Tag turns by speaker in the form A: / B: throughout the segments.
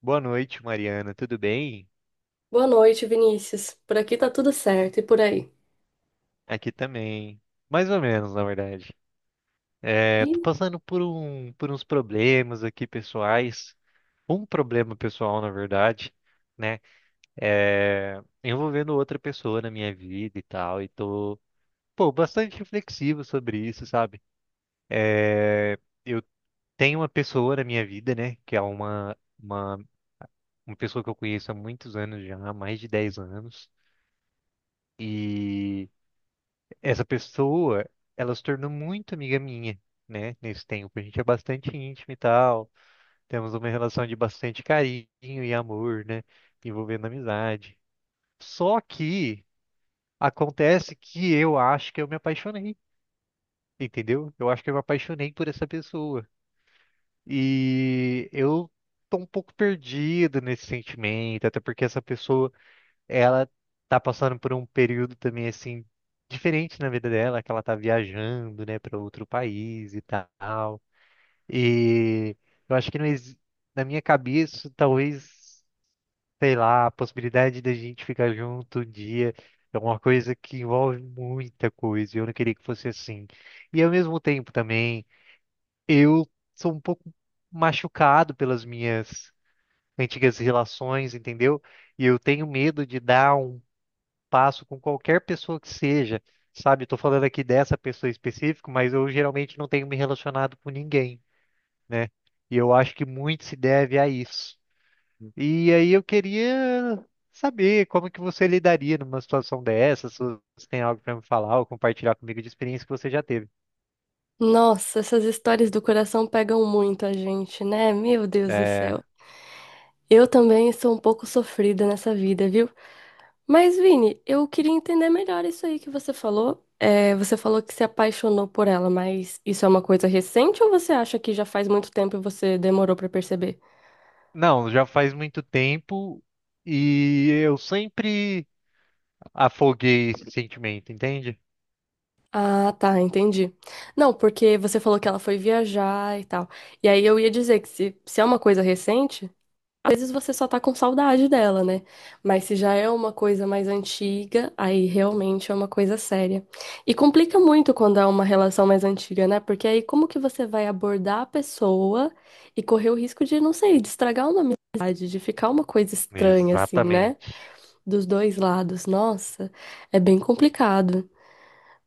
A: Boa noite, Mariana. Tudo bem?
B: Boa noite, Vinícius. Por aqui tá tudo certo, e por aí?
A: Aqui também. Mais ou menos, na verdade. É, tô
B: Ih,
A: passando por uns problemas aqui pessoais. Um problema pessoal, na verdade, né? É, envolvendo outra pessoa na minha vida e tal. E tô, pô, bastante reflexivo sobre isso, sabe? É, eu tenho uma pessoa na minha vida, né? Que é uma pessoa que eu conheço há muitos anos já, há mais de 10 anos. E. Essa pessoa, ela se tornou muito amiga minha, né? Nesse tempo, a gente é bastante íntimo e tal, temos uma relação de bastante carinho e amor, né? Envolvendo amizade. Só que acontece que eu acho que eu me apaixonei, entendeu? Eu acho que eu me apaixonei por essa pessoa. E eu tô um pouco perdido nesse sentimento, até porque essa pessoa ela tá passando por um período também assim diferente na vida dela, que ela tá viajando, né, para outro país e tal. E eu acho que não exi- na minha cabeça, talvez, sei lá, a possibilidade da gente ficar junto um dia é uma coisa que envolve muita coisa. Eu não queria que fosse assim. E ao mesmo tempo também, eu sou um pouco machucado pelas minhas antigas relações, entendeu? E eu tenho medo de dar um passo com qualquer pessoa que seja, sabe? Estou falando aqui dessa pessoa específica, mas eu geralmente não tenho me relacionado com ninguém, né? E eu acho que muito se deve a isso. E aí eu queria saber como que você lidaria numa situação dessa, se você tem algo para me falar ou compartilhar comigo de experiência que você já teve.
B: nossa, essas histórias do coração pegam muito a gente, né? Meu Deus do
A: É,
B: céu. Eu também sou um pouco sofrida nessa vida, viu? Mas, Vini, eu queria entender melhor isso aí que você falou. É, você falou que se apaixonou por ela, mas isso é uma coisa recente ou você acha que já faz muito tempo e você demorou pra perceber?
A: não, já faz muito tempo e eu sempre afoguei esse sentimento, entende?
B: Ah, tá, entendi. Não, porque você falou que ela foi viajar e tal. E aí eu ia dizer que se é uma coisa recente. Às vezes você só tá com saudade dela, né? Mas se já é uma coisa mais antiga, aí realmente é uma coisa séria. E complica muito quando é uma relação mais antiga, né? Porque aí como que você vai abordar a pessoa e correr o risco de, não sei, de estragar uma amizade, de ficar uma coisa estranha, assim, né?
A: Exatamente.
B: Dos dois lados. Nossa, é bem complicado.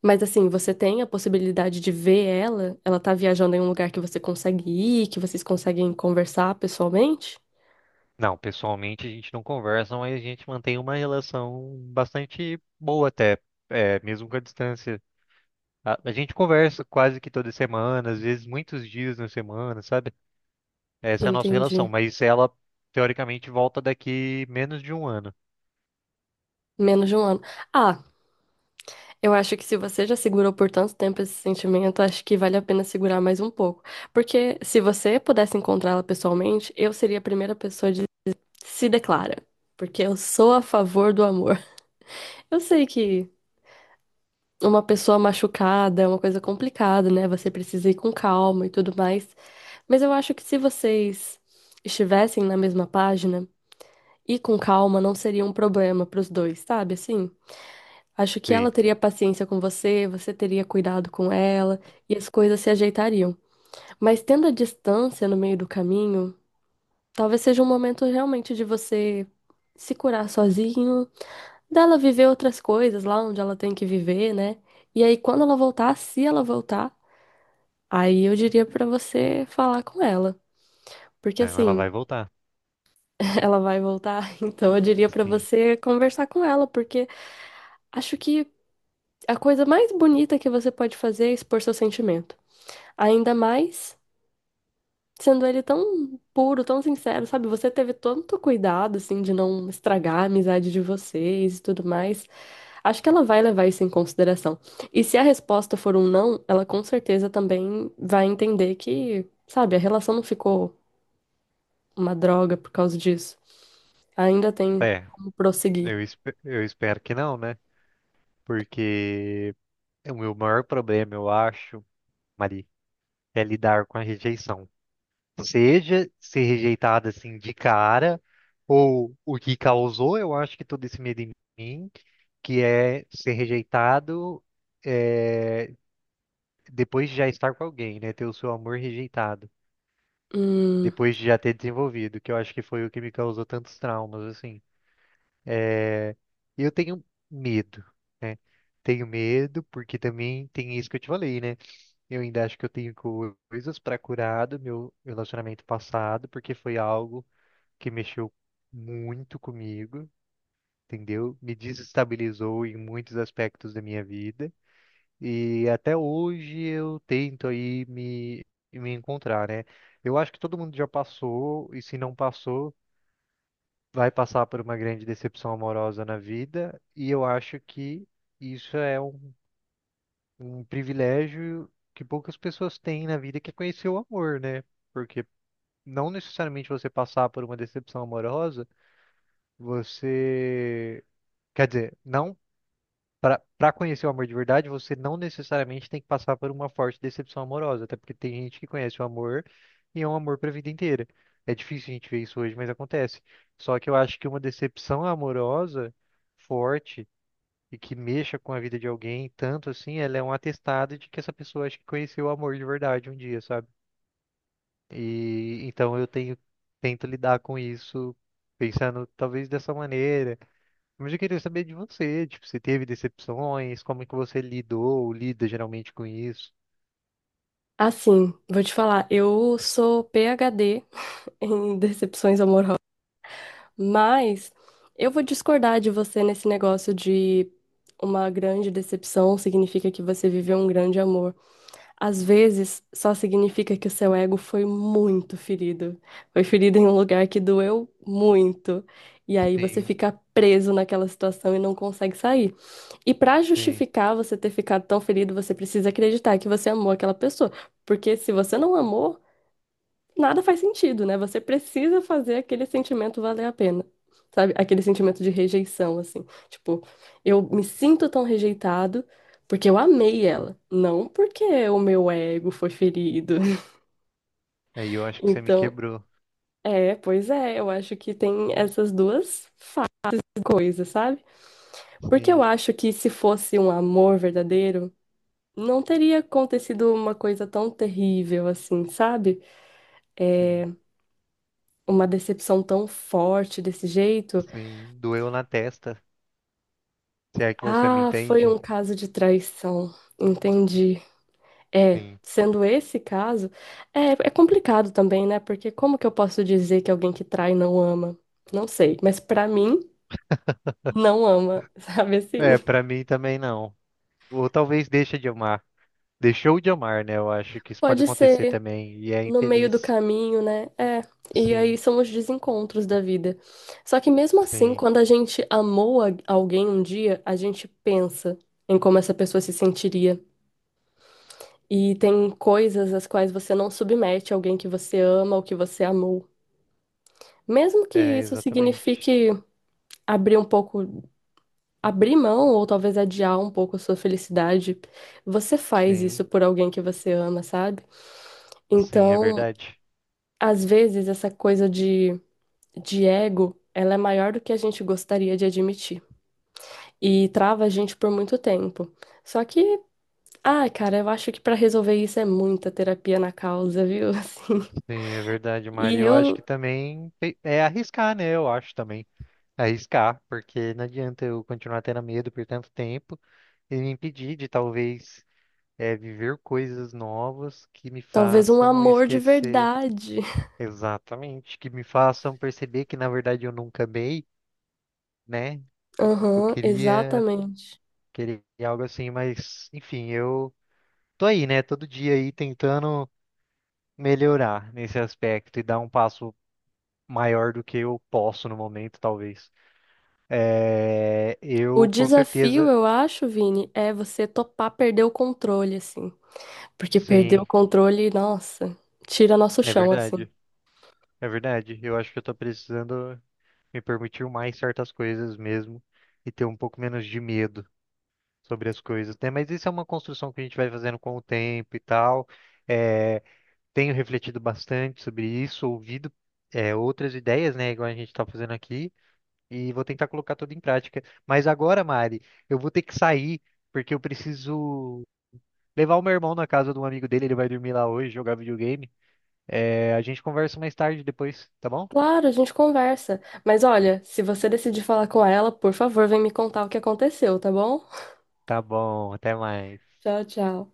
B: Mas assim, você tem a possibilidade de ver ela? Ela tá viajando em um lugar que você consegue ir, que vocês conseguem conversar pessoalmente?
A: Não, pessoalmente a gente não conversa, mas a gente mantém uma relação bastante boa até, é, mesmo com a distância. A gente conversa quase que toda semana, às vezes muitos dias na semana, sabe? Essa é a nossa relação,
B: Entendi.
A: mas ela teoricamente volta daqui menos de um ano.
B: Menos de um ano. Ah, eu acho que se você já segurou por tanto tempo esse sentimento, acho que vale a pena segurar mais um pouco. Porque se você pudesse encontrá-la pessoalmente, eu seria a primeira pessoa de se declara. Porque eu sou a favor do amor. Eu sei que uma pessoa machucada é uma coisa complicada, né? Você precisa ir com calma e tudo mais. Mas eu acho que se vocês estivessem na mesma página, ir com calma não seria um problema pros dois, sabe? Assim. Acho que ela
A: Sim.
B: teria paciência com você, você teria cuidado com ela e as coisas se ajeitariam. Mas tendo a distância no meio do caminho, talvez seja um momento realmente de você se curar sozinho, dela viver outras coisas lá onde ela tem que viver, né? E aí quando ela voltar, se ela voltar, aí eu diria pra você falar com ela. Porque
A: Não, ela
B: assim,
A: vai voltar.
B: ela vai voltar, então eu diria pra
A: Sim.
B: você conversar com ela, porque acho que a coisa mais bonita que você pode fazer é expor seus sentimentos. Ainda mais sendo ele tão puro, tão sincero, sabe? Você teve tanto cuidado, assim, de não estragar a amizade de vocês e tudo mais. Acho que ela vai levar isso em consideração. E se a resposta for um não, ela com certeza também vai entender que, sabe, a relação não ficou uma droga por causa disso. Ainda tem
A: É,
B: como prosseguir.
A: eu espero que não, né? Porque o meu maior problema, eu acho, Mari, é lidar com a rejeição. Seja ser rejeitada assim de cara, ou o que causou, eu acho que todo esse medo em mim, que é ser rejeitado é, depois de já estar com alguém, né? Ter o seu amor rejeitado,
B: Hum,
A: depois de já ter desenvolvido, que eu acho que foi o que me causou tantos traumas, assim. É, e eu tenho medo, né? Tenho medo, porque também tem isso que eu te falei, né? Eu ainda acho que eu tenho coisas para curar do meu relacionamento passado, porque foi algo que mexeu muito comigo, entendeu? Me desestabilizou em muitos aspectos da minha vida. E até hoje eu tento aí me encontrar, né? Eu acho que todo mundo já passou, e se não passou, vai passar por uma grande decepção amorosa na vida. E eu acho que isso é um privilégio que poucas pessoas têm na vida, que é conhecer o amor, né? Porque não necessariamente você passar por uma decepção amorosa, você quer dizer, não para conhecer o amor de verdade, você não necessariamente tem que passar por uma forte decepção amorosa, até porque tem gente que conhece o amor e é um amor para a vida inteira. É difícil a gente ver isso hoje, mas acontece. Só que eu acho que uma decepção amorosa forte e que mexa com a vida de alguém, tanto assim, ela é um atestado de que essa pessoa acho que conheceu o amor de verdade um dia, sabe? E então eu tenho tento lidar com isso pensando talvez dessa maneira, mas eu queria saber de você, tipo, você teve decepções, como é que você lidou ou lida geralmente com isso?
B: assim, vou te falar, eu sou PhD em decepções. Mas eu vou discordar de você nesse negócio de uma grande decepção significa que você viveu um grande amor. Às vezes, só significa que o seu ego foi muito ferido. Foi ferido em um lugar que doeu muito. E aí você
A: Sim,
B: fica preso naquela situação e não consegue sair. E pra
A: sim.
B: justificar você ter ficado tão ferido, você precisa acreditar que você amou aquela pessoa. Porque se você não amou, nada faz sentido, né? Você precisa fazer aquele sentimento valer a pena. Sabe? Aquele sentimento de rejeição, assim. Tipo, eu me sinto tão rejeitado porque eu amei ela, não porque o meu ego foi ferido.
A: Aí eu acho que você me
B: Então,
A: quebrou.
B: pois é, eu acho que tem essas duas faces da coisa, sabe? Porque eu
A: Sim,
B: acho que se fosse um amor verdadeiro, não teria acontecido uma coisa tão terrível assim, sabe?
A: sim,
B: Uma decepção tão forte desse jeito.
A: sim. Doeu na testa. Se é que você me
B: Ah, foi
A: entende?
B: um caso de traição. Entendi. É,
A: Sim.
B: sendo esse caso, é complicado também, né? Porque como que eu posso dizer que alguém que trai não ama? Não sei, mas pra mim, não ama, sabe assim?
A: É, pra mim também não. Ou talvez deixa de amar. Deixou de amar, né? Eu acho que isso pode
B: Pode
A: acontecer
B: ser
A: também. E é
B: no meio do
A: infeliz.
B: caminho, né? É, e aí
A: Sim,
B: são os desencontros da vida. Só que mesmo assim,
A: sim.
B: quando a gente amou a- alguém um dia, a gente pensa em como essa pessoa se sentiria. E tem coisas às quais você não submete alguém que você ama ou que você amou. Mesmo que
A: É,
B: isso
A: exatamente.
B: signifique abrir um pouco, abrir mão ou talvez adiar um pouco a sua felicidade, você faz
A: Sim,
B: isso por alguém que você ama, sabe?
A: sim, é
B: Então,
A: verdade.
B: às vezes essa coisa de ego, ela é maior do que a gente gostaria de admitir e trava a gente por muito tempo. Só que, ai, cara, eu acho que para resolver isso é muita terapia na causa, viu? Assim,
A: Sim, é verdade, Mari.
B: e
A: Eu acho que
B: eu
A: também é arriscar, né? Eu acho também. Arriscar, porque não adianta eu continuar tendo medo por tanto tempo e me impedir de talvez é, viver coisas novas que me
B: talvez um
A: façam
B: amor de
A: esquecer.
B: verdade.
A: Exatamente, que me façam perceber que na verdade eu nunca amei, né? Eu
B: Aham,
A: queria,
B: exatamente.
A: queria algo assim, mas enfim, eu tô aí, né? Todo dia aí tentando melhorar nesse aspecto e dar um passo maior do que eu posso no momento, talvez. É,
B: O
A: eu com
B: desafio,
A: certeza,
B: eu acho, Vini, é você topar perder o controle, assim. Porque perder o
A: sim,
B: controle, nossa, tira nosso
A: é
B: chão, assim.
A: verdade, é verdade. Eu acho que eu tô precisando me permitir mais certas coisas mesmo e ter um pouco menos de medo sobre as coisas, né? Mas isso é uma construção que a gente vai fazendo com o tempo e tal. É, tenho refletido bastante sobre isso, ouvido, é, outras ideias, né, igual a gente tá fazendo aqui, e vou tentar colocar tudo em prática. Mas agora, Mari, eu vou ter que sair porque eu preciso levar o meu irmão na casa de um amigo dele, ele vai dormir lá hoje, jogar videogame. É, a gente conversa mais tarde depois, tá bom?
B: Claro, a gente conversa. Mas olha, se você decidir falar com ela, por favor, vem me contar o que aconteceu, tá bom?
A: Tá bom, até mais.
B: Tchau, tchau.